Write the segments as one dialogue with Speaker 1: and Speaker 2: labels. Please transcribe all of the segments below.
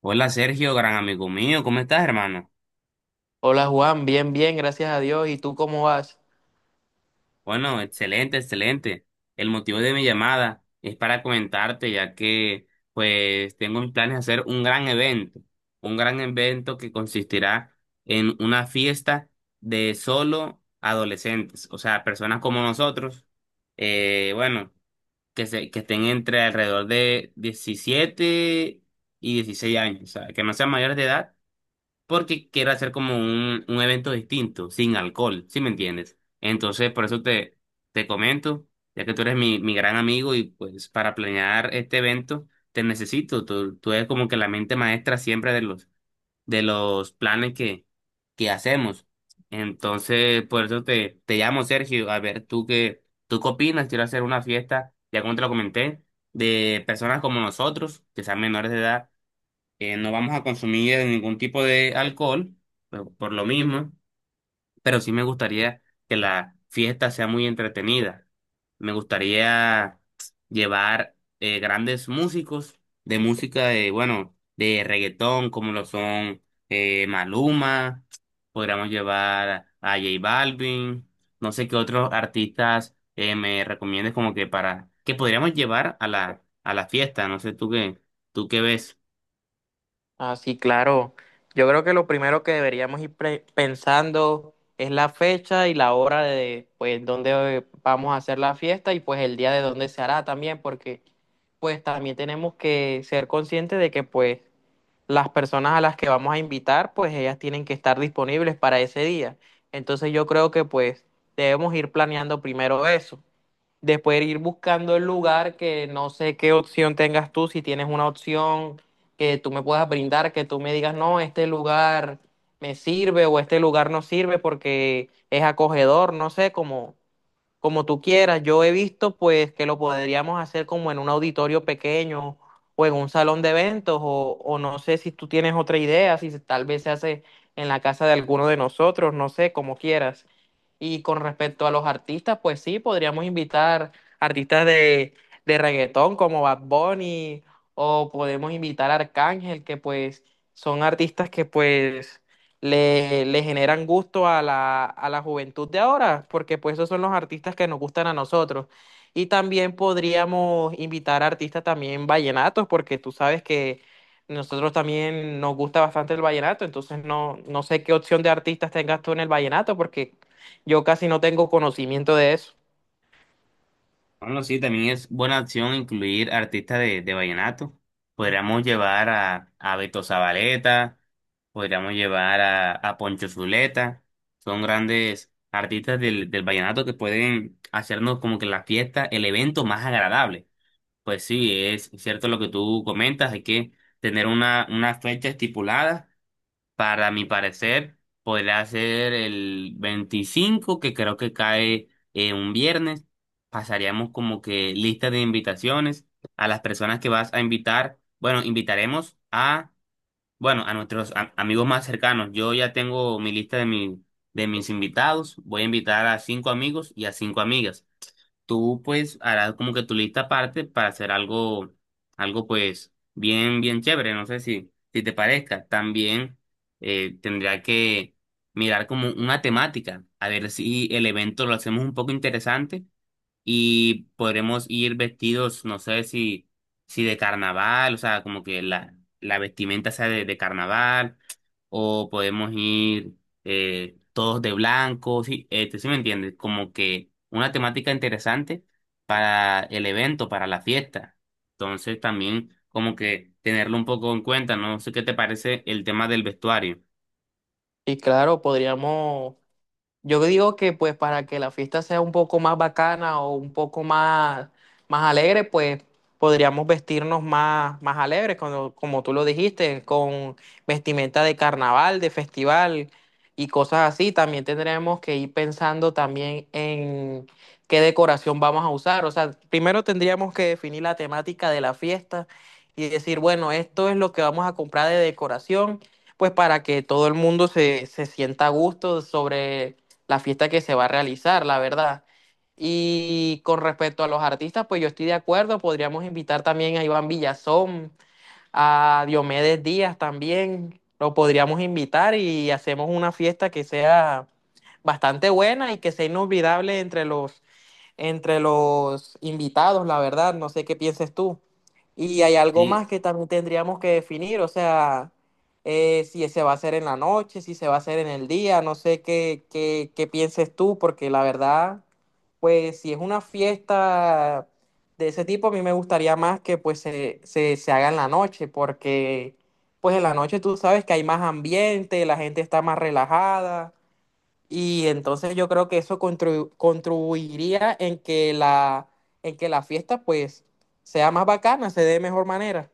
Speaker 1: Hola Sergio, gran amigo mío, ¿cómo estás, hermano?
Speaker 2: Hola Juan, bien, bien, gracias a Dios. ¿Y tú cómo vas?
Speaker 1: Bueno, excelente, excelente. El motivo de mi llamada es para comentarte, ya que pues tengo mis planes de hacer un gran evento que consistirá en una fiesta de solo adolescentes, o sea, personas como nosotros, bueno, que estén entre alrededor de 17 y 16 años, o sea, que no sean mayores de edad porque quiero hacer como un evento distinto, sin alcohol, ¿sí me entiendes? Entonces, te comento, ya que tú eres mi gran amigo y pues para planear este evento te necesito, tú eres como que la mente maestra siempre de de los planes que hacemos. Entonces, te llamo, Sergio, a ver, tú qué opinas, quiero hacer una fiesta, ya como te lo comenté, de personas como nosotros, que sean menores de edad no vamos a consumir ningún tipo de alcohol, por lo mismo, pero sí me gustaría que la fiesta sea muy entretenida. Me gustaría llevar grandes músicos de música de, bueno, de reggaetón, como lo son Maluma, podríamos llevar a J Balvin, no sé qué otros artistas me recomiendes como que que podríamos llevar a a la fiesta, no sé tú qué ves.
Speaker 2: Ah, sí, claro. Yo creo que lo primero que deberíamos ir pensando es la fecha y la hora de, pues, dónde vamos a hacer la fiesta y pues el día de dónde se hará también, porque pues también tenemos que ser conscientes de que pues las personas a las que vamos a invitar, pues ellas tienen que estar disponibles para ese día. Entonces yo creo que pues debemos ir planeando primero eso. Después ir buscando el lugar que no sé qué opción tengas tú, si tienes una opción que tú me puedas brindar, que tú me digas, no, este lugar me sirve o este lugar no sirve porque es acogedor, no sé, como tú quieras. Yo he visto pues que lo podríamos hacer como en un auditorio pequeño o en un salón de eventos o no sé si tú tienes otra idea, si tal vez se hace en la casa de alguno de nosotros, no sé, como quieras. Y con respecto a los artistas, pues sí, podríamos invitar artistas de reggaetón como Bad Bunny o podemos invitar a Arcángel, que pues son artistas que pues le generan gusto a la juventud de ahora, porque pues esos son los artistas que nos gustan a nosotros. Y también podríamos invitar a artistas también vallenatos, porque tú sabes que nosotros también nos gusta bastante el vallenato, entonces no, no sé qué opción de artistas tengas tú en el vallenato, porque yo casi no tengo conocimiento de eso.
Speaker 1: Bueno, sí, también es buena opción incluir artistas de vallenato. Podríamos llevar a Beto Zabaleta, podríamos llevar a Poncho Zuleta. Son grandes artistas del vallenato que pueden hacernos como que la fiesta, el evento más agradable. Pues sí, es cierto lo que tú comentas, hay que tener una fecha estipulada para mi parecer, podría ser el 25, que creo que cae un viernes. Pasaríamos como que lista de invitaciones a las personas que vas a invitar. Bueno, invitaremos a, bueno, a nuestros amigos más cercanos. Yo ya tengo mi lista de mis invitados. Voy a invitar a cinco amigos y a cinco amigas, tú pues harás como que tu lista aparte para hacer algo, algo pues bien chévere, no sé si te parezca. También tendría que mirar como una temática, a ver si el evento lo hacemos un poco interesante y podremos ir vestidos, no sé si de carnaval, o sea, como que la vestimenta sea de carnaval, o podemos ir todos de blanco, sí, este, sí me entiendes, como que una temática interesante para el evento, para la fiesta. Entonces también como que tenerlo un poco en cuenta, no sé qué te parece el tema del vestuario.
Speaker 2: Y claro, podríamos. Yo digo que pues para que la fiesta sea un poco más bacana o un poco más, más alegre, pues podríamos vestirnos más, más alegres, como, como tú lo dijiste, con vestimenta de carnaval, de festival y cosas así. También tendremos que ir pensando también en qué decoración vamos a usar. O sea, primero tendríamos que definir la temática de la fiesta y decir, bueno, esto es lo que vamos a comprar de decoración, pues para que todo el mundo se, se sienta a gusto sobre la fiesta que se va a realizar, la verdad. Y con respecto a los artistas, pues yo estoy de acuerdo, podríamos invitar también a Iván Villazón, a Diomedes Díaz también, lo podríamos invitar y hacemos una fiesta que sea bastante buena y que sea inolvidable entre los invitados, la verdad, no sé qué pienses tú. Y hay algo
Speaker 1: Sí.
Speaker 2: más que también tendríamos que definir, o sea, si se va a hacer en la noche, si se va a hacer en el día, no sé qué pienses tú, porque la verdad, pues si es una fiesta de ese tipo, a mí me gustaría más que pues se haga en la noche, porque pues en la noche tú sabes que hay más ambiente, la gente está más relajada, y entonces yo creo que eso contribuiría en que la fiesta pues sea más bacana, se dé de mejor manera.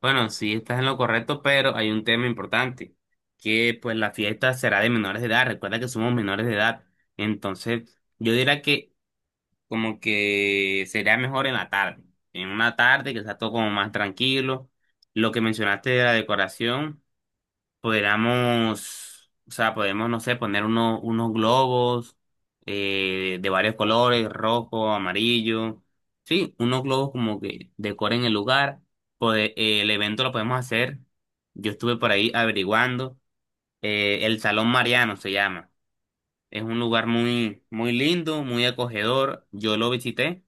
Speaker 1: Bueno, sí, estás en lo correcto, pero hay un tema importante, que pues la fiesta será de menores de edad. Recuerda que somos menores de edad. Entonces, yo diría que como que sería mejor en la tarde, en una tarde que sea todo como más tranquilo. Lo que mencionaste de la decoración. Podríamos, o sea, podemos, no sé, poner unos globos de varios colores, rojo, amarillo. Sí, unos globos como que decoren el lugar. El evento lo podemos hacer. Yo estuve por ahí averiguando. El Salón Mariano se llama. Es un lugar muy lindo, muy acogedor. Yo lo visité.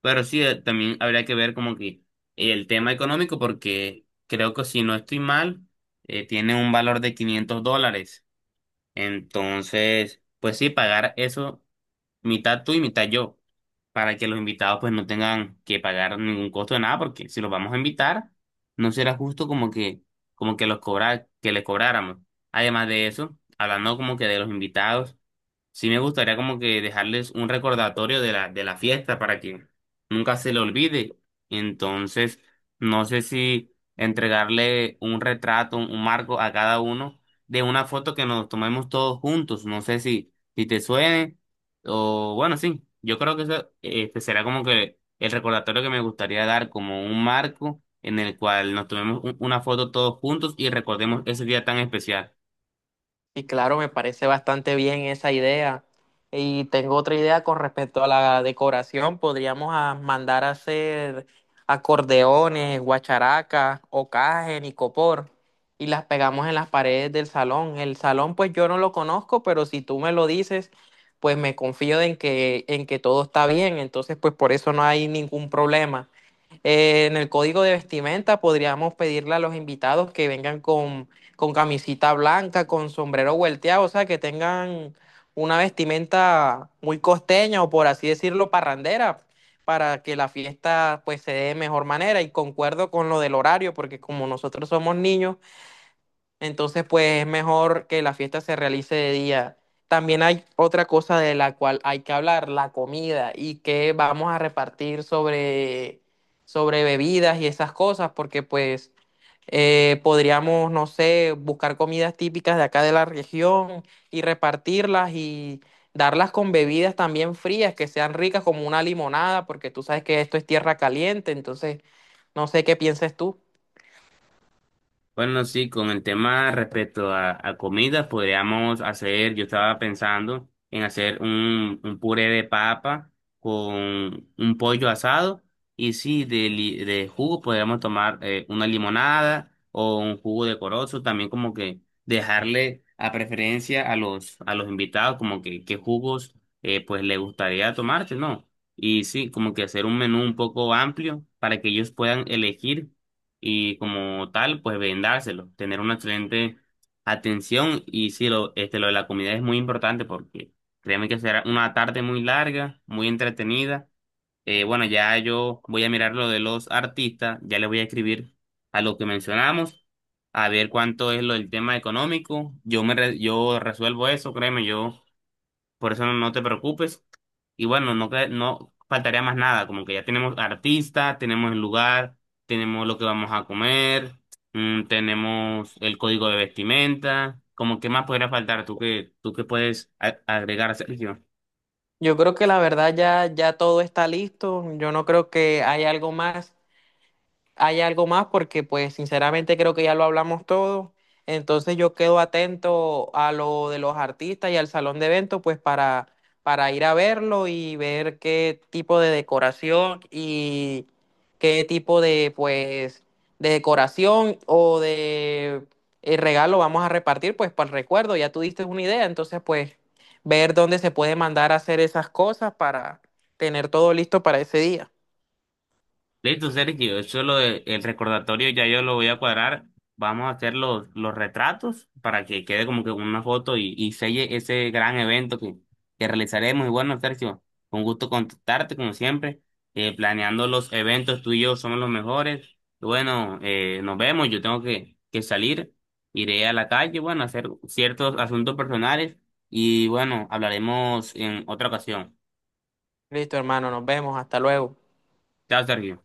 Speaker 1: Pero sí, también habría que ver como que el tema económico, porque creo que si no estoy mal, tiene un valor de 500 dólares. Entonces, pues sí, pagar eso mitad tú y mitad yo, para que los invitados pues no tengan que pagar ningún costo de nada, porque si los vamos a invitar, no será justo como que los cobrar, que les cobráramos. Además de eso, hablando como que de los invitados. Sí me gustaría como que dejarles un recordatorio de de la fiesta para que nunca se le olvide. Entonces, no sé si entregarle un retrato, un marco a cada uno de una foto que nos tomemos todos juntos. No sé si te suene o bueno, sí, yo creo que eso, este será como que el recordatorio que me gustaría dar como un marco en el cual nos tomemos una foto todos juntos y recordemos ese día tan especial.
Speaker 2: Y claro, me parece bastante bien esa idea. Y tengo otra idea con respecto a la decoración. Podríamos mandar a hacer acordeones, guacharacas, ocajen y copor. Y las pegamos en las paredes del salón. El salón, pues yo no lo conozco, pero si tú me lo dices, pues me confío en que todo está bien. Entonces, pues por eso no hay ningún problema. En el código de vestimenta podríamos pedirle a los invitados que vengan con camisita blanca, con sombrero vuelteado, o sea, que tengan una vestimenta muy costeña o por así decirlo, parrandera, para que la fiesta pues se dé de mejor manera. Y concuerdo con lo del horario, porque como nosotros somos niños, entonces, pues es mejor que la fiesta se realice de día. También hay otra cosa de la cual hay que hablar, la comida y qué vamos a repartir sobre bebidas y esas cosas, porque pues podríamos, no sé, buscar comidas típicas de acá de la región y repartirlas y darlas con bebidas también frías, que sean ricas como una limonada, porque tú sabes que esto es tierra caliente, entonces no sé qué pienses tú.
Speaker 1: Bueno, sí, con el tema respecto a comidas, podríamos hacer, yo estaba pensando en hacer un puré de papa con un pollo asado y sí, de jugo podríamos tomar una limonada o un jugo de corozo, también como que dejarle a preferencia a a los invitados como que qué jugos pues le gustaría tomarte, ¿no? Y sí, como que hacer un menú un poco amplio para que ellos puedan elegir y como tal, pues vendárselo, tener una excelente atención y sí, lo, este, lo de la comida es muy importante porque créeme que será una tarde muy larga, muy entretenida. Bueno, ya yo voy a mirar lo de los artistas, ya le voy a escribir a lo que mencionamos, a ver cuánto es lo del tema económico. Yo resuelvo eso, créeme, yo por eso no te preocupes. Y bueno, no, no faltaría más nada, como que ya tenemos artista, tenemos el lugar, tenemos lo que vamos a comer, tenemos el código de vestimenta, como que más podría faltar, tú que puedes agregar, Sergio.
Speaker 2: Yo creo que la verdad ya, ya todo está listo. Yo no creo que haya algo más, hay algo más porque pues sinceramente creo que ya lo hablamos todo. Entonces yo quedo atento a lo de los artistas y al salón de eventos pues para ir a verlo y ver qué tipo de decoración y qué tipo de pues de decoración o de regalo vamos a repartir pues para el recuerdo. Ya tú diste una idea, entonces pues ver dónde se puede mandar a hacer esas cosas para tener todo listo para ese día.
Speaker 1: Listo, Sergio, eso es el recordatorio, ya yo lo voy a cuadrar. Vamos a hacer los retratos para que quede como que una foto y selle ese gran evento que realizaremos. Y bueno, Sergio, un gusto contactarte como siempre, planeando los eventos, tú y yo somos los mejores. Y bueno, nos vemos, yo tengo que salir, iré a la calle, bueno, a hacer ciertos asuntos personales y bueno, hablaremos en otra ocasión.
Speaker 2: Listo, hermano, nos vemos, hasta luego.
Speaker 1: Chao, Sergio.